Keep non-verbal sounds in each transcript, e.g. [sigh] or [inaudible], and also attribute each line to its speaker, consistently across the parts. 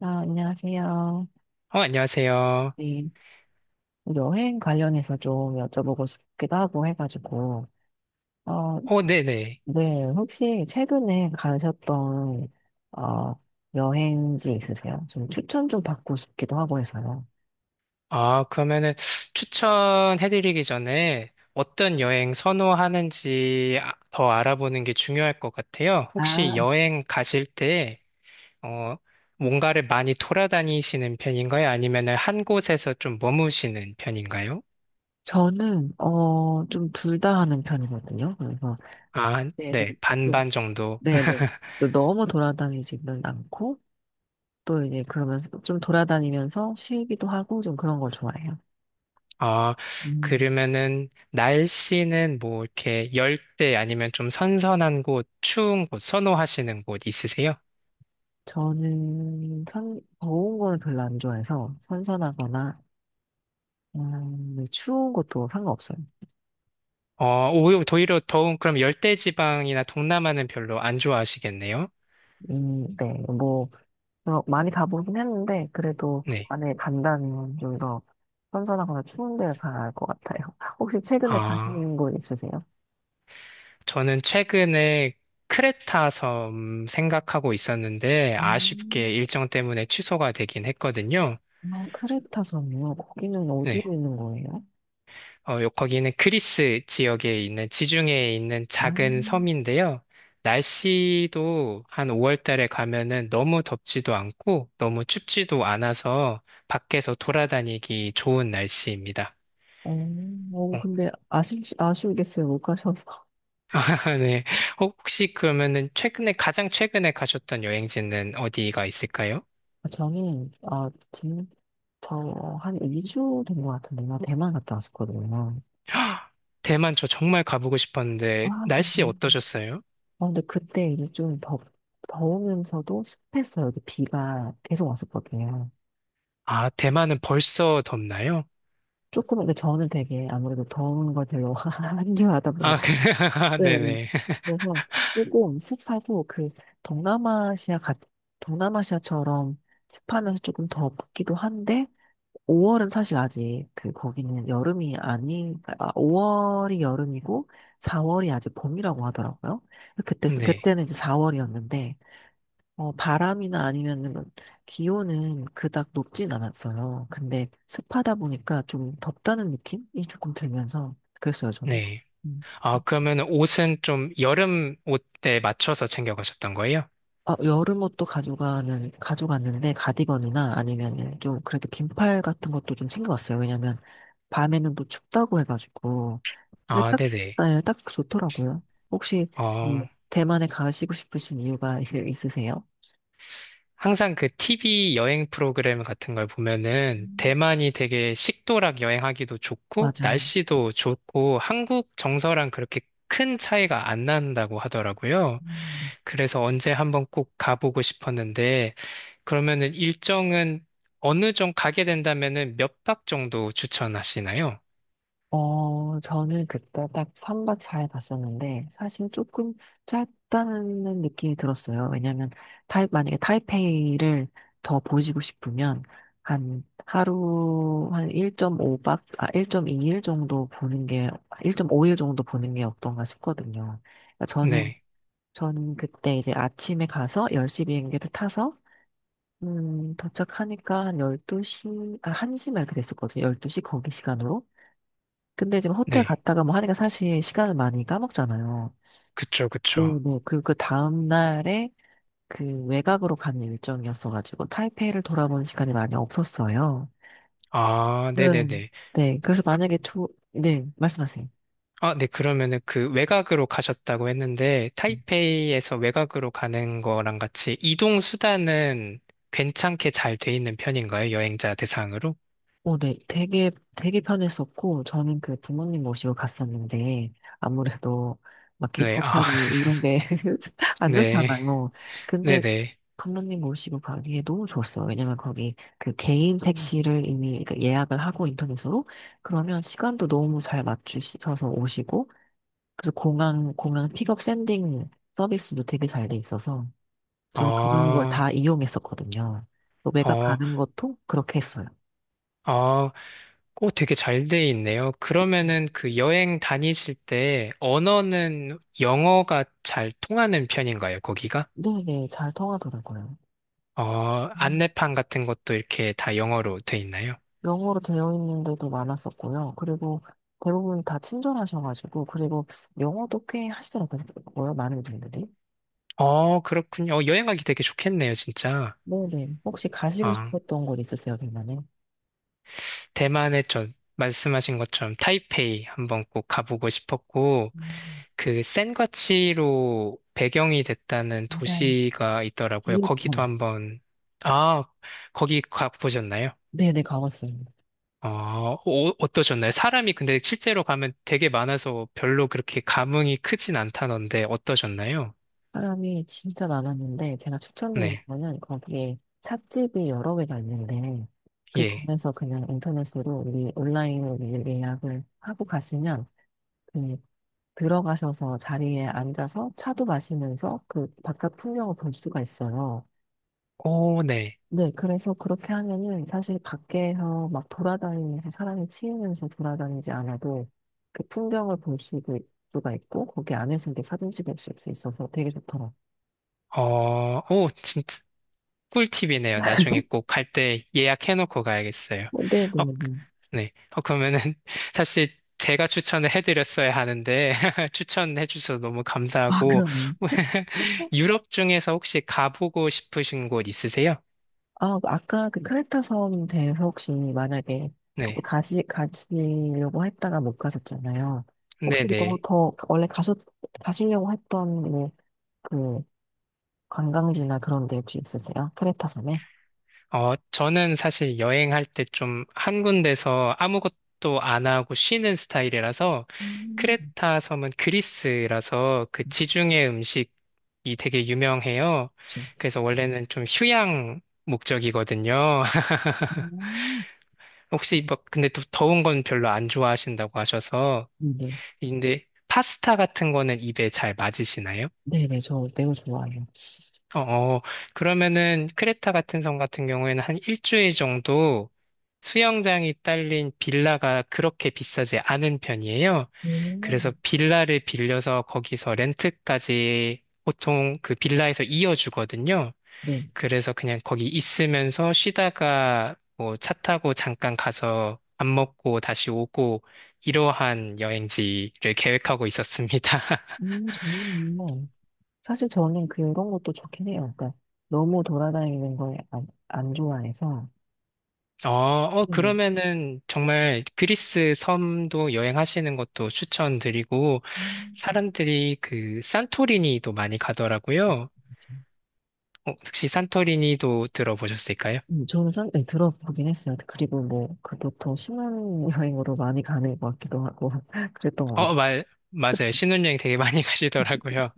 Speaker 1: 아, 안녕하세요.
Speaker 2: 안녕하세요.
Speaker 1: 네, 여행 관련해서 좀 여쭤보고 싶기도 하고 해가지고, 어,
Speaker 2: 네네.
Speaker 1: 네, 혹시 최근에 가셨던, 어, 여행지 있으세요? 좀 추천 좀 받고 싶기도 하고 해서요.
Speaker 2: 그러면은 추천해드리기 전에 어떤 여행 선호하는지 더 알아보는 게 중요할 것 같아요. 혹시
Speaker 1: 아,
Speaker 2: 여행 가실 때, 어, 뭔가를 많이 돌아다니시는 편인가요? 아니면은 한 곳에서 좀 머무시는 편인가요?
Speaker 1: 저는, 좀 둘 다 하는 편이거든요. 그래서,
Speaker 2: 아,
Speaker 1: 네, 네,
Speaker 2: 네. 반반 정도.
Speaker 1: 네, 네.
Speaker 2: [laughs]
Speaker 1: 네. 너무 돌아다니지는 않고, 또 이제 그러면서 좀 돌아다니면서 쉬기도 하고 좀 그런 걸 좋아해요.
Speaker 2: 아,
Speaker 1: 음.
Speaker 2: 그러면은 날씨는 뭐 이렇게 열대 아니면 좀 선선한 곳, 추운 곳 선호하시는 곳 있으세요?
Speaker 1: 저는 더운 거는 별로 안 좋아해서 선선하거나 네, 추운 것도 상관없어요.
Speaker 2: 오히려 더운 그럼 열대지방이나 동남아는 별로 안 좋아하시겠네요?
Speaker 1: 네, 뭐 많이 가보긴 했는데 그래도
Speaker 2: 네.
Speaker 1: 만약에 간다면 좀 더 선선하거나 추운 데 가야 할 것 같아요. [laughs] 혹시 최근에
Speaker 2: 아,
Speaker 1: 가시는 곳 있으세요?
Speaker 2: 저는 최근에 크레타 섬 생각하고 있었는데
Speaker 1: 음,
Speaker 2: 아쉽게 일정 때문에 취소가 되긴 했거든요.
Speaker 1: 아, 크레타섬이요? 거기는 어디에
Speaker 2: 네.
Speaker 1: 있는 거예요?
Speaker 2: 거기는 그리스 지역에 있는 지중해에 있는
Speaker 1: 아,
Speaker 2: 작은 섬인데요. 날씨도 한 5월 달에 가면은 너무 덥지도 않고 너무 춥지도 않아서 밖에서 돌아다니기 좋은 날씨입니다.
Speaker 1: 어,
Speaker 2: 어,
Speaker 1: 근데 아쉽겠어요. 못 가셔서.
Speaker 2: [laughs] 아, 네. 혹- 시 그러면은 가장 최근에 가셨던 여행지는 어디가 있을까요?
Speaker 1: [laughs] 아, 저한 2주 된 것 같은데, 나 대만 갔다 왔었거든요.
Speaker 2: [gasps] 대만 저 정말 가보고 싶었는데,
Speaker 1: 아, 진짜.
Speaker 2: 날씨 어떠셨어요?
Speaker 1: 근데 그때 이제 좀 더우면서도 습했어요. 이렇게 비가 계속 왔었거든요.
Speaker 2: 아, 대만은 벌써 덥나요?
Speaker 1: 조금, 근데 저는 되게 아무래도 더운 걸 별로 [laughs] 안 좋아하다
Speaker 2: 아, 그,
Speaker 1: 보니까.
Speaker 2: [laughs]
Speaker 1: 네.
Speaker 2: 네네. [laughs]
Speaker 1: 그래서 조금 습하고 그 동남아시아 같, 동남아시아처럼 습하면서 조금 덥기도 한데, 5월은 사실 아직 그 거기는 여름이 아니, 아, 5월이 여름이고 4월이 아직 봄이라고 하더라고요.
Speaker 2: 네.
Speaker 1: 그때는 이제 4월이었는데 바람이나 아니면은 기온은 그닥 높진 않았어요. 근데 습하다 보니까 좀 덥다는 느낌이 조금 들면서 그랬어요 저는.
Speaker 2: 네.
Speaker 1: 음.
Speaker 2: 아, 그러면 옷은 좀 여름 옷에 맞춰서 챙겨가셨던 거예요?
Speaker 1: 아, 여름 옷도 가져가는 가져갔는데 가디건이나 아니면은 좀 그래도 긴팔 같은 것도 좀 챙겨왔어요. 왜냐면 밤에는 또 춥다고 해가지고. 근데
Speaker 2: 아,
Speaker 1: 딱,
Speaker 2: 네네.
Speaker 1: 네, 딱 좋더라고요. 혹시 음,
Speaker 2: 어,
Speaker 1: 대만에 가시고 싶으신 이유가 [laughs] 있으세요?
Speaker 2: 항상 그 TV 여행 프로그램 같은 걸 보면은
Speaker 1: 음.
Speaker 2: 대만이 되게 식도락 여행하기도 좋고
Speaker 1: 맞아요.
Speaker 2: 날씨도 좋고 한국 정서랑 그렇게 큰 차이가 안 난다고 하더라고요.
Speaker 1: 음.
Speaker 2: 그래서 언제 한번 꼭 가보고 싶었는데 그러면은 일정은 어느 정도 가게 된다면은 몇 박 정도 추천하시나요?
Speaker 1: 저는 그때 딱 3박 4일 갔었는데, 사실 조금 짧다는 느낌이 들었어요. 왜냐면, 만약에 타이페이를 더 보시고 싶으면, 한 하루, 한 1.5박, 아, 1.2일 정도 보는 게, 1.5일 정도 보는 게 어떤가 싶거든요. 그러니까
Speaker 2: 네,
Speaker 1: 저는 그때 이제 아침에 가서 10시 비행기를 타서 도착하니까 한 12시, 아, 1시 막 이렇게 됐었거든요. 12시 거기 시간으로. 근데 지금 호텔
Speaker 2: 네.
Speaker 1: 갔다가 뭐 하니까 사실 시간을 많이 까먹잖아요.
Speaker 2: 그쵸,
Speaker 1: 네,
Speaker 2: 그쵸.
Speaker 1: 네. 그리고 그 다음 날에 그 외곽으로 가는 일정이었어가지고 타이페이를 돌아보는 시간이 많이 없었어요.
Speaker 2: 아,
Speaker 1: 네.
Speaker 2: 네네네.
Speaker 1: 네. 그래서 네, 말씀하세요.
Speaker 2: 아, 네, 그러면은 그 외곽으로 가셨다고 했는데, 타이페이에서 외곽으로 가는 거랑 같이 이동 수단은 괜찮게 잘 돼 있는 편인가요? 여행자 대상으로?
Speaker 1: 네, 되게 편했었고, 저는 그 부모님 모시고 갔었는데, 아무래도 막
Speaker 2: 네,
Speaker 1: 기차
Speaker 2: 아,
Speaker 1: 타고
Speaker 2: [laughs]
Speaker 1: 이런 게 [laughs] 안
Speaker 2: 네,
Speaker 1: 좋잖아요. 근데
Speaker 2: 네네.
Speaker 1: 부모님 모시고 가기에 너무 좋았어요. 왜냐면 거기 그 개인 택시를 이미 그 예약을 하고 인터넷으로, 그러면 시간도 너무 잘 맞추셔서 오시고, 그래서 공항 픽업 샌딩 서비스도 되게 잘 돼 있어서, 저는 그런 걸
Speaker 2: 아,
Speaker 1: 다 이용했었거든요. 또 외곽
Speaker 2: 어,
Speaker 1: 가는 것도 그렇게 했어요.
Speaker 2: 아, 꼭 되게 잘 돼 있네요. 그러면은 그 여행 다니실 때 언어는 영어가 잘 통하는 편인가요, 거기가?
Speaker 1: 네네, 잘 통하더라고요. 음.
Speaker 2: 안내판 같은 것도 이렇게 다 영어로 돼 있나요?
Speaker 1: 영어로 되어 있는 데도 많았었고요. 그리고 대부분 다 친절하셔가지고, 그리고 영어도 꽤 하시더라고요, 많은 분들이.
Speaker 2: 어, 그렇군요. 여행 가기 되게 좋겠네요, 진짜.
Speaker 1: 네네. 혹시 가시고
Speaker 2: 아,
Speaker 1: 싶었던 곳 있으세요, 대만에?
Speaker 2: 대만에 저 말씀하신 것처럼 타이페이 한번 꼭 가보고 싶었고,
Speaker 1: 음.
Speaker 2: 그 센과치로 배경이 됐다는
Speaker 1: 일단,
Speaker 2: 도시가 있더라고요. 거기도
Speaker 1: 기일품.
Speaker 2: 한번, 아, 거기 가보셨나요?
Speaker 1: 네네, 가봤어요.
Speaker 2: 어떠셨나요? 사람이 근데 실제로 가면 되게 많아서 별로 그렇게 감흥이 크진 않다던데 어떠셨나요?
Speaker 1: 사람이 진짜 많았는데, 제가 추천드린
Speaker 2: 네,
Speaker 1: 거는 거기에 찻집이 여러 개가 있는데, 그
Speaker 2: 예.
Speaker 1: 중에서 그냥 인터넷으로 우리 온라인으로 미리 예약을 하고 가시면, 그 들어가셔서 자리에 앉아서 차도 마시면서 그 바깥 풍경을 볼 수가 있어요.
Speaker 2: 오, 네.
Speaker 1: 네, 그래서 그렇게 하면은 사실 밖에서 막 돌아다니면서 사람이 치이면서 돌아다니지 않아도 그 풍경을 가 있고 거기 안에서 이렇게 사진 찍을 수 있어서 되게 좋더라고요.
Speaker 2: 진짜. 꿀팁이네요. 나중에 꼭 갈 때 예약해놓고 가야겠어요.
Speaker 1: 네,
Speaker 2: 어,
Speaker 1: 네, 네.
Speaker 2: 네. 그러면은 [laughs] 사실 제가 추천을 해드렸어야 하는데 [laughs] 추천해주셔서 너무
Speaker 1: 아,
Speaker 2: 감사하고
Speaker 1: 그럼.
Speaker 2: [laughs] 유럽 중에서 혹시 가보고 싶으신 곳 있으세요?
Speaker 1: 아, 아까 그 크레타 섬 대해서 혹시 만약에 그때
Speaker 2: 네.
Speaker 1: 가시려고 했다가 못 가셨잖아요. 혹시 그거
Speaker 2: 네네.
Speaker 1: 더 원래 가시려고 했던 그 관광지나 그런 데 혹시 있으세요? 크레타 섬에?
Speaker 2: 저는 사실 여행할 때 좀 한 군데서 아무것도 안 하고 쉬는 스타일이라서
Speaker 1: 음.
Speaker 2: 크레타 섬은 그리스라서 그 지중해 음식이 되게 유명해요.
Speaker 1: 좀.
Speaker 2: 그래서 원래는 좀 휴양 목적이거든요. [laughs]
Speaker 1: 음.
Speaker 2: 혹시 막 근데 또 더운 건 별로 안 좋아하신다고 하셔서
Speaker 1: 네.
Speaker 2: 근데 파스타 같은 거는 입에 잘 맞으시나요?
Speaker 1: 네네, 저 매우 좋아해요.
Speaker 2: 어, 그러면은 크레타 같은 섬 같은 경우에는 한 일주일 정도 수영장이 딸린 빌라가 그렇게 비싸지 않은 편이에요. 그래서
Speaker 1: 음.
Speaker 2: 빌라를 빌려서 거기서 렌트까지 보통 그 빌라에서 이어주거든요.
Speaker 1: 네.
Speaker 2: 그래서 그냥 거기 있으면서 쉬다가 뭐 차 타고 잠깐 가서 밥 먹고 다시 오고 이러한 여행지를 계획하고 있었습니다. [laughs]
Speaker 1: 저는 뭐, 사실 저는 그런 것도 좋긴 해요. 그러니까 너무 돌아다니는 걸 안 좋아해서. 네네.
Speaker 2: 그러면은 정말 그리스 섬도 여행하시는 것도 추천드리고,
Speaker 1: 음.
Speaker 2: 사람들이 그 산토리니도 많이 가더라고요.
Speaker 1: 맞아요.
Speaker 2: 어, 혹시 산토리니도 들어보셨을까요?
Speaker 1: 저는 네, 들어보긴 했어요. 그리고 뭐, 그것도 신혼여행으로 많이 가는 것 같기도 하고, [laughs] 그랬던 것 같아요.
Speaker 2: 맞아요. 신혼여행 되게 많이 [laughs] 가시더라고요.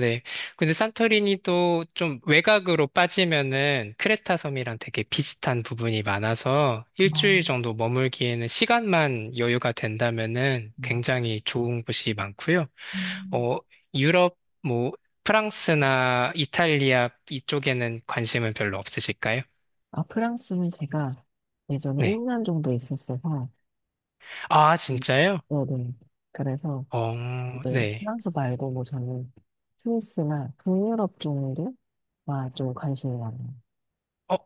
Speaker 2: 네. 근데 산토리니도 좀 외곽으로 빠지면은 크레타 섬이랑 되게 비슷한 부분이 많아서
Speaker 1: 아,
Speaker 2: 일주일 정도 머물기에는 시간만 여유가 된다면은 굉장히 좋은 곳이 많고요.
Speaker 1: 음.
Speaker 2: 어, 유럽, 뭐, 프랑스나 이탈리아 이쪽에는 관심은 별로 없으실까요?
Speaker 1: 아, 프랑스는 제가 예전에
Speaker 2: 네.
Speaker 1: 1년 정도 있었어서,
Speaker 2: 아,
Speaker 1: 음,
Speaker 2: 진짜요?
Speaker 1: 네네. 그래서
Speaker 2: 어,
Speaker 1: 이제
Speaker 2: 네.
Speaker 1: 프랑스 말고 뭐 저는 스위스나 북유럽 정도가 좀 관심이 많아요.
Speaker 2: 어,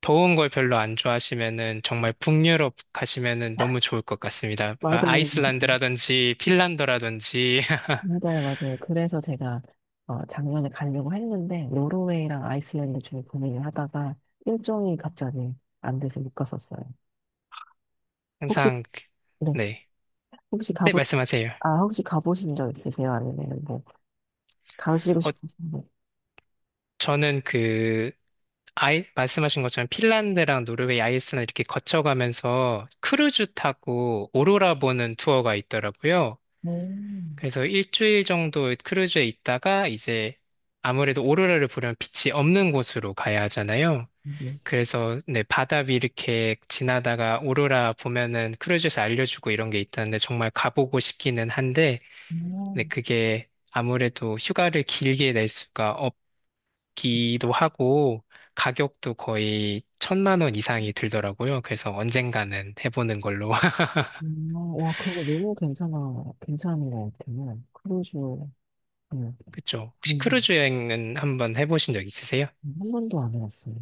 Speaker 2: 더운 걸 별로 안 좋아하시면은 정말 북유럽 가시면은 너무 좋을 것 같습니다. 아,
Speaker 1: 맞아요.
Speaker 2: 아이슬란드라든지 핀란드라든지 [laughs]
Speaker 1: 맞아요, 맞아요. 그래서 제가 작년에 가려고 했는데, 노르웨이랑 아이슬란드 중에 고민을 하다가 일정이 갑자기 안 돼서 못 갔었어요. 혹시,
Speaker 2: 항상, 그-
Speaker 1: 네.
Speaker 2: 네.
Speaker 1: 혹시
Speaker 2: 네, 말씀하세요.
Speaker 1: 아, 혹시 가보신 적 있으세요? 아니면 뭐, 가시고
Speaker 2: 어,
Speaker 1: 싶으신데?
Speaker 2: 저는 말씀하신 것처럼 핀란드랑 노르웨이, 아이슬란드 이렇게 거쳐가면서 크루즈 타고 오로라 보는 투어가 있더라고요.
Speaker 1: 네.
Speaker 2: 그래서 일주일 정도 크루즈에 있다가 이제 아무래도 오로라를 보려면 빛이 없는 곳으로 가야 하잖아요. 그래서 네, 바다 위 이렇게 지나다가 오로라 보면은 크루즈에서 알려주고 이런 게 있다는데 정말 가보고 싶기는 한데 네,
Speaker 1: 음,
Speaker 2: 그게 아무래도 휴가를 길게 낼 수가 기도 하고 가격도 거의 1,000만 원 이상이 들더라고요. 그래서 언젠가는 해보는 걸로. [laughs]
Speaker 1: 와, 그거 너무 괜찮은 것 같아요. 크루즈, 네,
Speaker 2: 그쵸.
Speaker 1: 네,
Speaker 2: 혹시
Speaker 1: 네.
Speaker 2: 크루즈 여행은 한번 해보신 적 있으세요?
Speaker 1: 한 번도 안 해봤어요.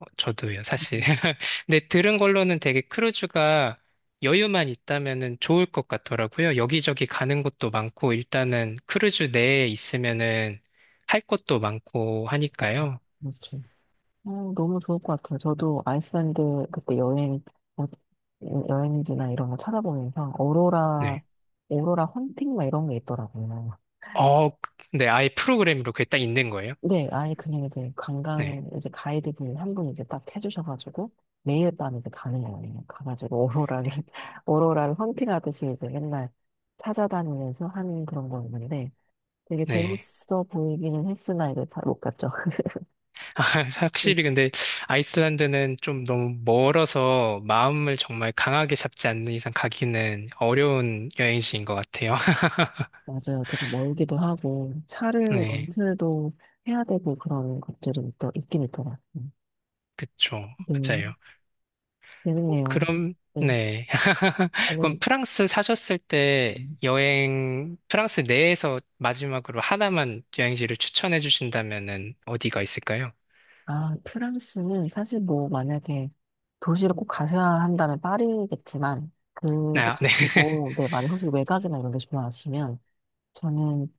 Speaker 2: 저도요, 사실.
Speaker 1: 음,
Speaker 2: [laughs] 근데 들은 걸로는 되게 크루즈가 여유만 있다면은 좋을 것 같더라고요. 여기저기 가는 곳도 많고 일단은 크루즈 내에 있으면은 할 것도 많고 하니까요.
Speaker 1: 그렇죠. 너무 좋을 것 같아요. 저도 아이슬란드 그때 어, 여행지나 이런 거 찾아보면서
Speaker 2: 네.
Speaker 1: 오로라 헌팅 막 이런 게 있더라고요.
Speaker 2: 네, 아예 프로그램으로 그게 딱 있는 거예요.
Speaker 1: 네, 아예 그냥 이제
Speaker 2: 네.
Speaker 1: 관광 이제 가이드분 한 분 이제 딱 해주셔가지고 매일 밤 이제 가는 거예요. 가가지고 오로라를 [laughs] 오로라를 헌팅하듯이 이제 맨날 찾아다니면서 하는 그런 거였는데 되게
Speaker 2: 네.
Speaker 1: 재밌어 보이기는 했으나 이제 잘 못 갔죠. [laughs]
Speaker 2: [laughs]
Speaker 1: 음,
Speaker 2: 확실히 근데 아이슬란드는 좀 너무 멀어서 마음을 정말 강하게 잡지 않는 이상 가기는 어려운 여행지인 것 같아요. [laughs]
Speaker 1: 맞아요. 되게 멀기도 하고 차를
Speaker 2: 네,
Speaker 1: 렌트도 해야 되고 그런 것들이 또 있긴 있더라고요.
Speaker 2: 그쵸.
Speaker 1: 네,
Speaker 2: 맞아요.
Speaker 1: 재밌네요.
Speaker 2: 그럼,
Speaker 1: 네,
Speaker 2: 네. [laughs] 그럼
Speaker 1: 오늘
Speaker 2: 프랑스 사셨을 때 프랑스 내에서 마지막으로 하나만 여행지를 추천해 주신다면은 어디가 있을까요?
Speaker 1: 아, 프랑스는 사실 뭐 만약에 도시를 꼭 가셔야 한다면 파리겠지만 그
Speaker 2: 아, 네.
Speaker 1: 그리고 네,
Speaker 2: [laughs]
Speaker 1: 만약 혹시 외곽이나 이런 데 좋아하시면 저는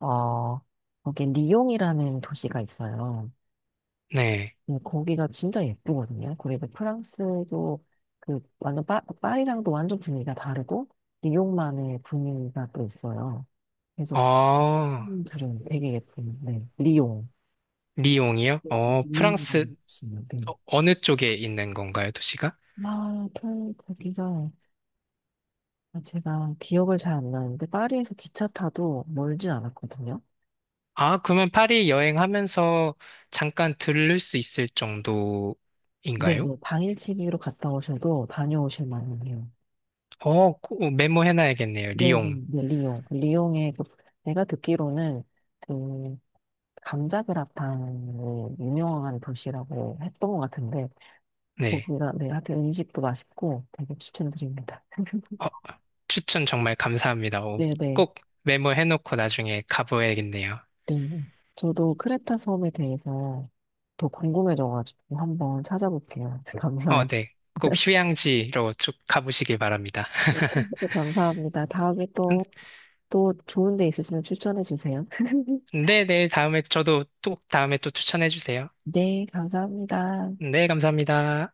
Speaker 1: 어 거기 리옹이라는 도시가 있어요.
Speaker 2: 네.
Speaker 1: 네, 거기가 진짜 예쁘거든요. 그리고 프랑스도 그 완전 파리랑도 완전 분위기가 다르고 리옹만의 분위기가 또 있어요. 계속
Speaker 2: 어,
Speaker 1: 둘은 되게 예쁜데 리옹.
Speaker 2: 리옹이요?
Speaker 1: 음. 음, 음.
Speaker 2: 어, 어느 쪽에 있는 건가요, 도시가?
Speaker 1: 아, 아, 제가 기억을 잘 안 나는데, 파리에서 기차 타도 멀진 않았거든요.
Speaker 2: 아, 그러면 파리 여행하면서 잠깐 들를 수 있을
Speaker 1: 네, 네,
Speaker 2: 정도인가요?
Speaker 1: 당일치기로 갔다 오셔도 다녀오실 만 해요.
Speaker 2: 어, 꼭 메모해놔야겠네요.
Speaker 1: 네, 네,
Speaker 2: 리옹.
Speaker 1: 네, 리옹. 리옹에, 내가 듣기로는, 그, 감자그라탕이 유명한 도시라고 했던 것 같은데,
Speaker 2: 네.
Speaker 1: 거기가, 네, 하여튼 음식도 맛있고 되게 추천드립니다.
Speaker 2: 어,
Speaker 1: [laughs]
Speaker 2: 추천 정말 감사합니다. 어,
Speaker 1: 네, 네,
Speaker 2: 꼭 메모해놓고 나중에 가보야겠네요.
Speaker 1: 네. 저도 크레타 섬에 대해서 더 궁금해져가지고 한번 찾아볼게요. [laughs] 감사해요.
Speaker 2: 어, 네. 꼭 휴양지로 쭉 가보시길 바랍니다.
Speaker 1: [laughs] 감사합니다. 다음에
Speaker 2: [laughs]
Speaker 1: 또 좋은 데 있으시면 추천해 주세요. [laughs]
Speaker 2: 네, 네. 다음에 또 추천해주세요.
Speaker 1: 네, 감사합니다.
Speaker 2: 네, 감사합니다.